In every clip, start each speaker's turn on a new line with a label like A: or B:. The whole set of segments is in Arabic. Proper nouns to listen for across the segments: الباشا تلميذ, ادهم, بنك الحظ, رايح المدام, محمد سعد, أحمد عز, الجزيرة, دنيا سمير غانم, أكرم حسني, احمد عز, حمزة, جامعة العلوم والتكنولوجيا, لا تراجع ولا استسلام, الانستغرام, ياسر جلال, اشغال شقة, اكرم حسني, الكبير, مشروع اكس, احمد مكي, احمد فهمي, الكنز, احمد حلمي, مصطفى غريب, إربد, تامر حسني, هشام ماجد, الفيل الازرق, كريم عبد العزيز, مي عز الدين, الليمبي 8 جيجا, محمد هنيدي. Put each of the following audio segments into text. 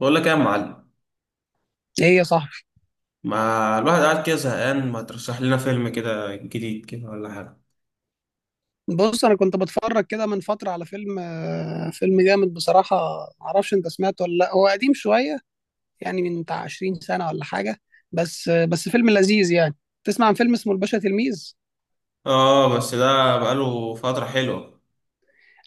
A: بقول لك ايه يا معلم؟
B: ايه يا صاحبي؟
A: ما الواحد قاعد كده زهقان، ما ترشح لنا فيلم كده جديد كده ولا حاجه؟
B: بص، انا كنت بتفرج كده من فتره على فيلم، فيلم جامد بصراحه. معرفش انت سمعته ولا لا، هو قديم شويه، يعني من بتاع 20 سنه ولا حاجه. بس فيلم لذيذ يعني. تسمع عن فيلم اسمه الباشا تلميذ؟
A: اه، بس ده بقاله فتره حلوه.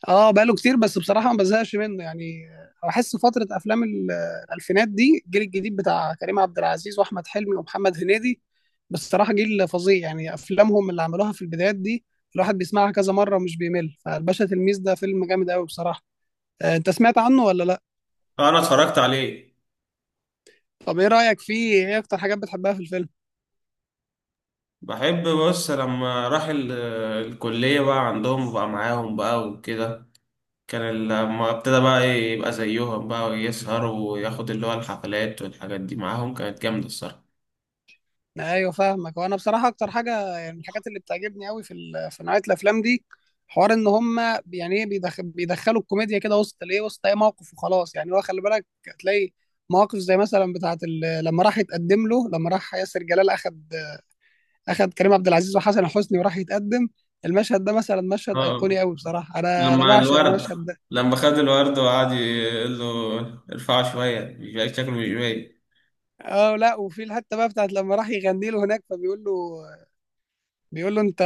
B: اه، بقاله كتير، بس بصراحه ما بزهقش منه يعني. بحس فتره افلام الالفينات دي، الجيل الجديد بتاع كريم عبد العزيز واحمد حلمي ومحمد هنيدي، بصراحه جيل فظيع، يعني افلامهم اللي عملوها في البدايات دي الواحد بيسمعها كذا مره ومش بيمل. فالباشا تلميذ ده فيلم جامد قوي بصراحه. انت سمعت عنه ولا لا؟
A: انا اتفرجت عليه.
B: طب ايه رأيك فيه؟ ايه اكتر حاجات بتحبها في الفيلم؟
A: بحب، بص لما راح الكليه بقى، عندهم بقى معاهم بقى وكده. كان لما ابتدى بقى إيه، يبقى زيهم بقى ويسهر وياخد اللي هو الحفلات والحاجات دي معاهم، كانت جامده الصراحه.
B: ايوه، فاهمك. وانا بصراحة اكتر حاجة يعني من الحاجات اللي بتعجبني قوي في في نوعية الافلام دي، حوار ان هم يعني ايه بيدخلوا الكوميديا كده وسط الايه وسط اي موقف وخلاص. يعني هو خلي بالك هتلاقي مواقف زي مثلا بتاعه لما راح ياسر جلال اخد، اخد كريم عبد العزيز وحسن حسني وراح يتقدم. المشهد ده مثلا مشهد
A: اه،
B: ايقوني قوي بصراحة، انا
A: لما
B: بعشق
A: الورد،
B: المشهد ده.
A: لما خد الورد وقعد يقول له ارفعه شويه، مش شكله مش باين.
B: اه لا، وفي الحته بقى بتاعت لما راح يغني له هناك، فبيقول له، بيقول له انت،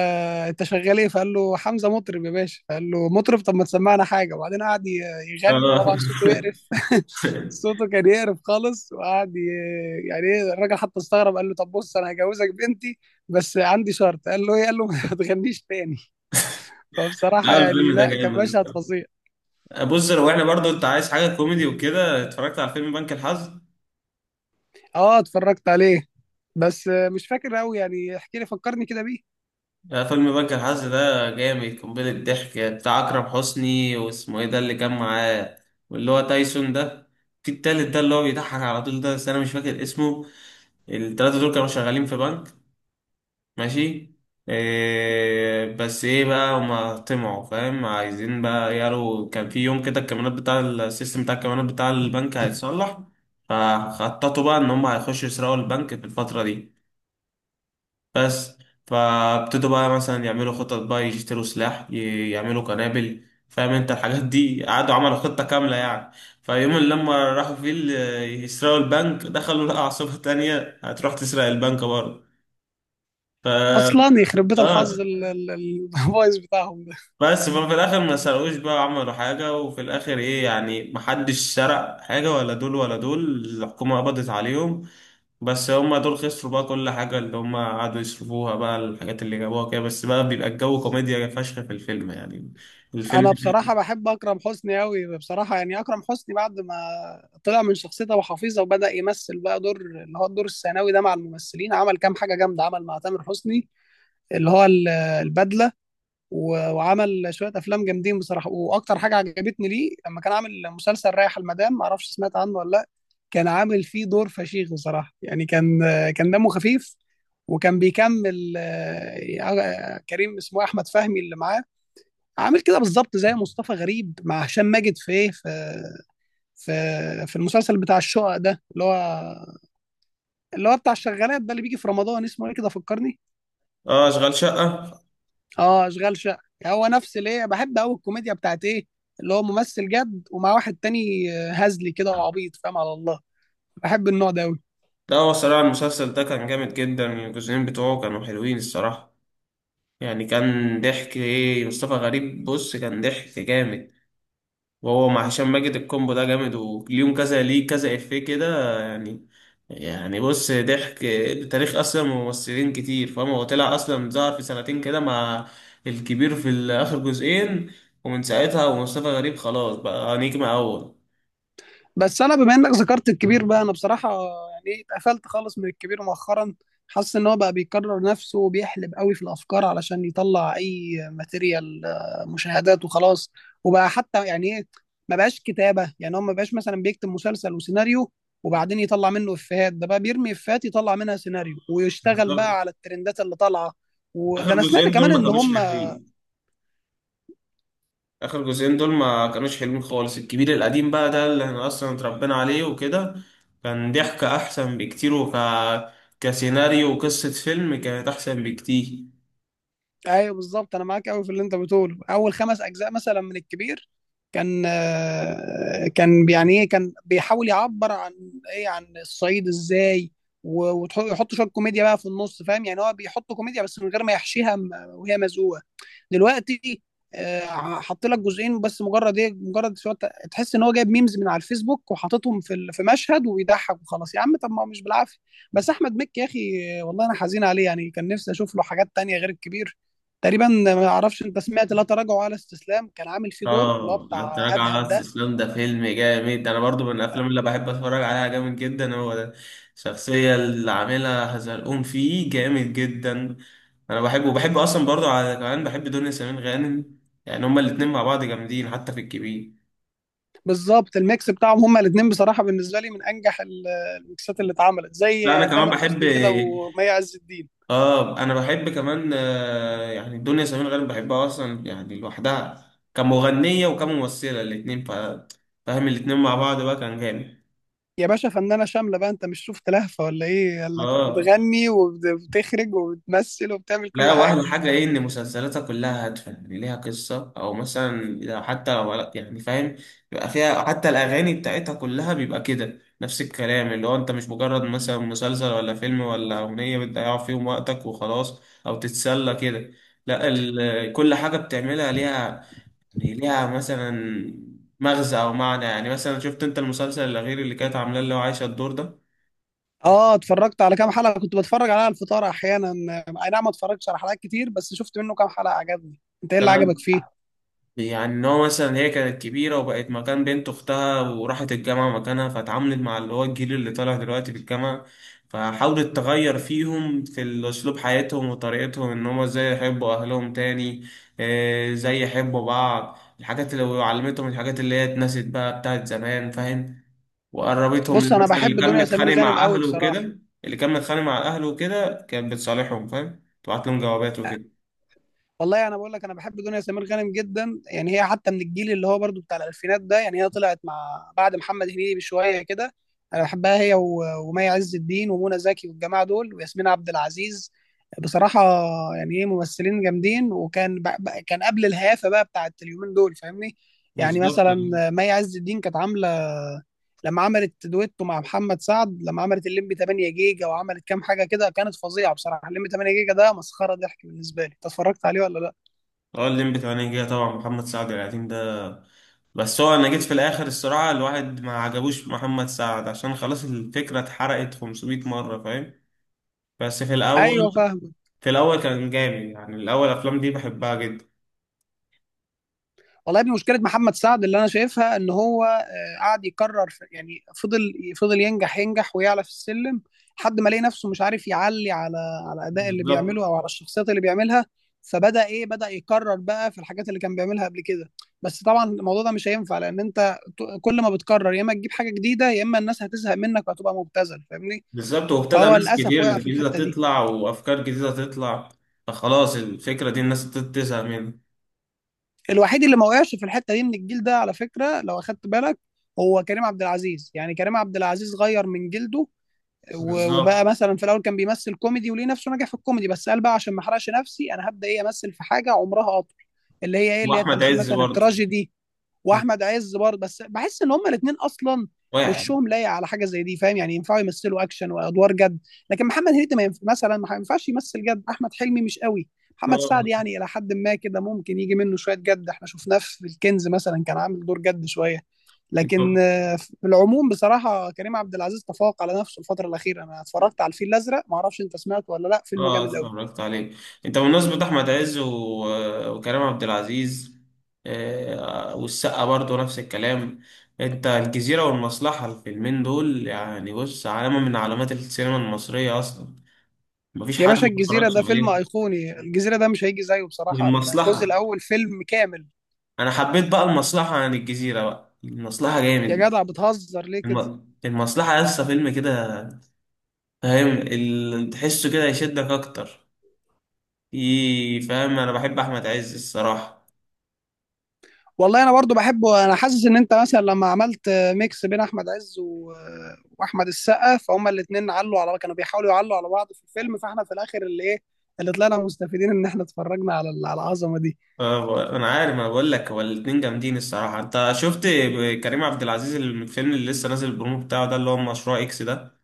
B: انت شغال ايه؟ فقال له: حمزه، مطرب يا باشا. فقال له: مطرب؟ طب ما تسمعنا حاجه. وبعدين قعد يغني،
A: اه.
B: وطبعا صوته يقرف صوته كان يقرف خالص، وقعد يعني ايه، الراجل حتى استغرب، قال له: طب بص، انا هجوزك بنتي بس عندي شرط. قال له: ايه؟ قال له ما تغنيش تاني. فبصراحه
A: لا،
B: يعني
A: الفيلم ده
B: لا، كان
A: جامد
B: مشهد
A: بصراحة.
B: فظيع.
A: بص، لو احنا برضو انت عايز حاجة كوميدي وكده، اتفرجت على فيلم بنك الحظ؟
B: اه، اتفرجت عليه، بس مش فاكر قوي يعني. احكي لي، فكرني كده بيه.
A: لا، فيلم بنك الحظ ده جامد، قنبلة ضحك، بتاع أكرم حسني واسمه ايه ده اللي كان معاه، واللي هو تايسون ده، في التالت ده اللي هو بيضحك على طول ده، بس انا مش فاكر اسمه. التلاتة دول كانوا شغالين في بنك، ماشي. إيه بس ايه بقى، هما طمعوا فاهم، عايزين بقى، يارو كان في يوم كده الكاميرات بتاع السيستم بتاع الكاميرات بتاع البنك هيتصلح، فخططوا بقى ان هما هيخشوا يسرقوا البنك في الفترة دي بس. فابتدوا بقى مثلا يعملوا خطط بقى، يشتروا سلاح، يعملوا قنابل، فاهم انت الحاجات دي، قعدوا عملوا خطة كاملة يعني. فيوم اللي لما راحوا فيه يسرقوا البنك، دخلوا لقوا عصابة تانية هتروح تسرق البنك برضه. ف
B: اصلا يخرب بيت الحظ
A: اه،
B: البايظ بتاعهم.
A: بس في الاخر ما سرقوش بقى، عملوا حاجه وفي الاخر ايه، يعني محدش سرق حاجه، ولا دول ولا دول الحكومه قبضت عليهم. بس هما دول خسروا بقى كل حاجه اللي هما قعدوا يصرفوها بقى، الحاجات اللي جابوها كده بس بقى، بيبقى الجو كوميديا فشخ في الفيلم يعني.
B: انا
A: الفيلم.
B: بصراحه بحب اكرم حسني قوي بصراحه. يعني اكرم حسني بعد ما طلع من شخصيته ابو حفيظه وبدا يمثل بقى دور اللي هو الدور الثانوي ده مع الممثلين، عمل كام حاجه جامده. عمل مع تامر حسني اللي هو البدله، وعمل شويه افلام جامدين بصراحه. واكتر حاجه عجبتني ليه لما كان عامل مسلسل رايح المدام، ما اعرفش سمعت عنه ولا لا. كان عامل فيه دور فشيخ بصراحه، يعني كان، كان دمه خفيف، وكان بيكمل كريم، اسمه احمد فهمي، اللي معاه. عامل كده بالظبط زي مصطفى غريب مع هشام ماجد في ايه، في في المسلسل بتاع الشقق ده، اللي هو اللي هو بتاع الشغالات ده اللي بيجي في رمضان. اسمه ايه كده، فكرني.
A: اه، اشغال شقه
B: اه، اشغال شقه. هو نفس ليه بحب قوي الكوميديا بتاعت ايه، اللي هو ممثل جد ومع واحد تاني هزلي كده وعبيط، فاهم على الله. بحب النوع ده قوي.
A: ده، هو الصراحه المسلسل ده كان جامد جدا، الجزئين بتوعه كانوا حلوين الصراحه. يعني كان ضحك، ايه مصطفى غريب، بص كان ضحك جامد، وهو مع هشام ماجد، الكومبو ده جامد، وليهم كذا ليه كذا افيه كده يعني. يعني بص ضحك، تاريخ اصلا ممثلين كتير فاهم، هو طلع اصلا ظهر في سنتين كده مع الكبير في اخر جزئين، ومن ساعتها ومصطفى غريب خلاص بقى نجم اول.
B: بس انا بما انك ذكرت الكبير بقى، انا بصراحه يعني اتقفلت خالص من الكبير مؤخرا. حاسس ان هو بقى بيكرر نفسه وبيحلب قوي في الافكار علشان يطلع اي ماتيريال، مشاهدات وخلاص. وبقى حتى يعني ايه، ما بقاش كتابه. يعني هو ما بقاش مثلا بيكتب مسلسل وسيناريو وبعدين يطلع منه افيهات. ده بقى بيرمي افيهات يطلع منها سيناريو، ويشتغل
A: بالظبط.
B: بقى على الترندات اللي طالعه. وده
A: اخر
B: انا سمعت
A: جزئين
B: كمان
A: دول ما
B: ان
A: كانوش
B: هم.
A: حلوين، اخر جزئين دول ما كانوش حلوين خالص. الكبير القديم بقى ده اللي احنا اصلا اتربينا عليه وكده، كان ضحكة احسن بكتير، كسيناريو وقصة فيلم كانت احسن بكتير.
B: ايوه، بالظبط، انا معاك قوي في اللي انت بتقوله. اول خمس اجزاء مثلا من الكبير كان، كان يعني ايه، بيحاول يعبر عن، عن الصعيد، ازاي ويحط شويه كوميديا بقى في النص، فاهم؟ يعني هو بيحط كوميديا بس من غير ما يحشيها وهي مزقوقه. دلوقتي حط لك جزئين بس مجرد ايه، مجرد تحس ان هو جايب ميمز من على الفيسبوك وحاططهم في في مشهد وبيضحك وخلاص. يا عم طب ما هو مش بالعافيه. بس احمد مكي يا اخي، والله انا حزين عليه، يعني كان نفسي اشوف له حاجات تانية غير الكبير. تقريبا، ما اعرفش انت سمعت لا تراجع ولا استسلام؟ كان عامل فيه دور اللي هو
A: اه، انت
B: بتاع
A: راجع على
B: ادهم ده.
A: الاستسلام ده فيلم جامد، انا برضو من الافلام اللي بحب اتفرج عليها جامد جدا هو ده. الشخصية اللي عاملها هزلقوم فيه جامد جدا. انا بحبه، وبحب اصلا برضو على كمان، بحب دنيا سمير غانم، يعني هما الاتنين مع بعض جامدين حتى في الكبير.
B: بالظبط، الميكس بتاعهم هما الاثنين بصراحه بالنسبه لي من انجح الميكسات اللي اتعملت،
A: لا، انا
B: زي
A: كمان
B: تامر
A: بحب،
B: حسني كده ومي عز الدين.
A: اه، انا بحب كمان، يعني دنيا سمير غانم بحبها اصلا، يعني لوحدها كمغنيه وكممثله الاثنين فاهم، الاثنين مع بعض بقى كان جامد.
B: يا باشا فنانة شاملة بقى، انت مش شفت لهفة ولا ايه؟ قال لك
A: اه.
B: بتغني وبتخرج وبتمثل وبتعمل كل
A: لا،
B: حاجة.
A: واحلى حاجه ايه، ان مسلسلاتها كلها هادفه، يعني ليها قصه، او مثلا لو حتى لو يعني فاهم، بيبقى فيها حتى الاغاني بتاعتها كلها بيبقى كده نفس الكلام، اللي هو انت مش مجرد مثلا مسلسل ولا فيلم ولا اغنيه بتضيع فيهم وقتك وخلاص، او تتسلى كده. لا، كل حاجه بتعملها ليها يعني، ليها مثلا مغزى او معنى. يعني مثلا شفت انت المسلسل الاخير اللي كانت عاملاه اللي هو عايشه الدور ده؟
B: اه، اتفرجت على كام حلقة، كنت بتفرج عليها على الفطار احيانا. اي نعم، ما اتفرجتش على حلقات كتير، بس شفت منه كام حلقة عجبني. انت ايه اللي
A: كان
B: عجبك فيه؟
A: يعني ان هو مثلا، هي كانت كبيره وبقت مكان بنت اختها وراحت الجامعه مكانها، فاتعاملت مع اللي هو الجيل اللي طالع دلوقتي في الجامعه، فحاولت تغير فيهم في اسلوب حياتهم وطريقتهم، ان هم ازاي يحبوا اهلهم تاني، ازاي يحبوا بعض، الحاجات اللي وعلمتهم الحاجات اللي هي اتنست بقى بتاعت زمان فاهم، وقربتهم،
B: بص
A: اللي
B: انا
A: مثلا
B: بحب
A: اللي كان
B: دنيا سمير
A: متخانق
B: غانم
A: مع
B: قوي
A: اهله
B: بصراحة.
A: وكده، اللي كان متخانق مع اهله وكده كانت بتصالحهم فاهم، تبعت لهم جوابات وكده.
B: والله انا بقول لك، انا بحب دنيا سمير غانم جدا، يعني هي حتى من الجيل اللي هو برضو بتاع الالفينات ده، يعني هي طلعت مع، بعد محمد هنيدي بشويه كده. انا بحبها هي ومي عز الدين ومنى زكي والجماعه دول وياسمين عبد العزيز بصراحه. يعني ايه، ممثلين جامدين، وكان كان قبل الهيافه بقى بتاعت اليومين دول، فاهمني؟ يعني
A: بالظبط.
B: مثلا مي عز الدين كانت عامله لما عملت دويتو مع محمد سعد، لما عملت الليمبي 8 جيجا وعملت كام حاجه كده كانت فظيعه بصراحه. الليمبي 8 جيجا ده مسخره ضحك بالنسبه لي. انت اتفرجت عليه ولا لا؟
A: اه، الليمبي 8 جيجا طبعا، محمد سعد القديم ده، بس هو انا جيت في الاخر الصراحه الواحد ما عجبوش محمد سعد، عشان خلاص الفكره اتحرقت 500 مره فاهم. بس في الاول،
B: ايوه فاهم.
A: كان جامد يعني، الاول الافلام دي بحبها جدا.
B: والله يا ابني، مشكله محمد سعد اللي انا شايفها ان هو قعد يكرر يعني فضل فضل ينجح، ينجح ويعلى في السلم، لحد ما لقى نفسه مش عارف يعلي على، على الاداء اللي بيعمله
A: بالظبط.
B: او على الشخصيات اللي بيعملها. فبدا ايه، بدا يكرر بقى في الحاجات اللي كان بيعملها قبل كده. بس طبعا الموضوع ده مش هينفع، لان انت كل ما بتكرر يا اما تجيب حاجه جديده يا اما الناس هتزهق منك وهتبقى مبتذل، فاهمني؟
A: بالظبط، وابتدى
B: فهو
A: ناس
B: للاسف
A: كتير
B: وقع في
A: جديده
B: الحته دي.
A: تطلع وافكار جديده تطلع، فخلاص الفكره دي الناس بتزهق منها.
B: الوحيد اللي ما وقعش في الحته دي من الجيل ده على فكره، لو اخدت بالك، هو كريم عبد العزيز. يعني كريم عبد العزيز غير من جلده،
A: بالظبط.
B: وبقى مثلا في الاول كان بيمثل كوميدي وليه نفسه نجح في الكوميدي، بس قال بقى عشان ما احرقش نفسي انا هبدا ايه، امثل في حاجه عمرها اطول، اللي هي
A: واحمد
B: التمثيل
A: عز
B: مثلا
A: برضه،
B: التراجيدي. واحمد عز برضه، بس بحس ان هما الاثنين اصلا
A: واحد.
B: وشهم لايق على حاجه زي دي، فاهم؟ يعني ينفعوا يمثلوا اكشن وادوار جد. لكن محمد هنيدي ما ينف... مثلا ما ينفعش يمثل جد. احمد حلمي مش قوي. محمد سعد
A: اه.
B: يعني الى حد ما كده ممكن يجي منه شويه جد، احنا شفناه في الكنز مثلا كان عامل دور جد شويه.
A: انت،
B: لكن في العموم بصراحه كريم عبد العزيز تفوق على نفسه الفتره الاخيره. انا اتفرجت على الفيل الازرق، ما اعرفش انت سمعته ولا لا، فيلم
A: اه
B: جامد قوي.
A: اتفرجت عليه. انت بمناسبة احمد عز و... وكريم عبد العزيز، والسقا برضه نفس الكلام، انت الجزيرة والمصلحة، الفيلمين دول يعني، بص علامة من علامات السينما المصرية اصلا، مفيش
B: يا
A: حد
B: باشا
A: ما
B: الجزيره
A: اتفرجش
B: ده فيلم
A: عليه.
B: ايقوني، الجزيره ده مش هيجي زيه بصراحه، الجزء
A: والمصلحة،
B: الاول فيلم كامل.
A: انا حبيت بقى المصلحة عن الجزيرة، بقى المصلحة
B: يا
A: جامد.
B: جدع بتهزر ليه كده؟
A: المصلحة لسه فيلم كده فاهم، تحسه كده يشدك اكتر، فاهم انا بحب احمد عز الصراحه.
B: والله انا برضو بحبه. انا حاسس ان انت مثلا لما عملت ميكس بين احمد عز واحمد السقا، فهما الاثنين علوا على، بيحاولوا يعلوا على بعض في الفيلم، فاحنا في الاخر اللي ايه، اللي طلعنا مستفيدين ان احنا اتفرجنا على على العظمه دي.
A: انا عارف، انا بقول لك هو الاتنين جامدين الصراحه. انت شفت كريم عبد العزيز الفيلم اللي لسه نازل البرومو بتاعه ده اللي هو مشروع اكس ده؟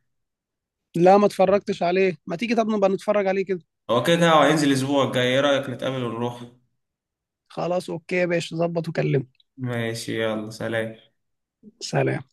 B: لا، ما اتفرجتش عليه. ما تيجي طب نبقى نتفرج عليه كده؟
A: هو كده كده هو هينزل الاسبوع الجاي، ايه رايك نتقابل ونروح؟
B: خلاص، اوكي يا باشا، ظبط وكلمني.
A: ماشي، يلا سلام.
B: سلام.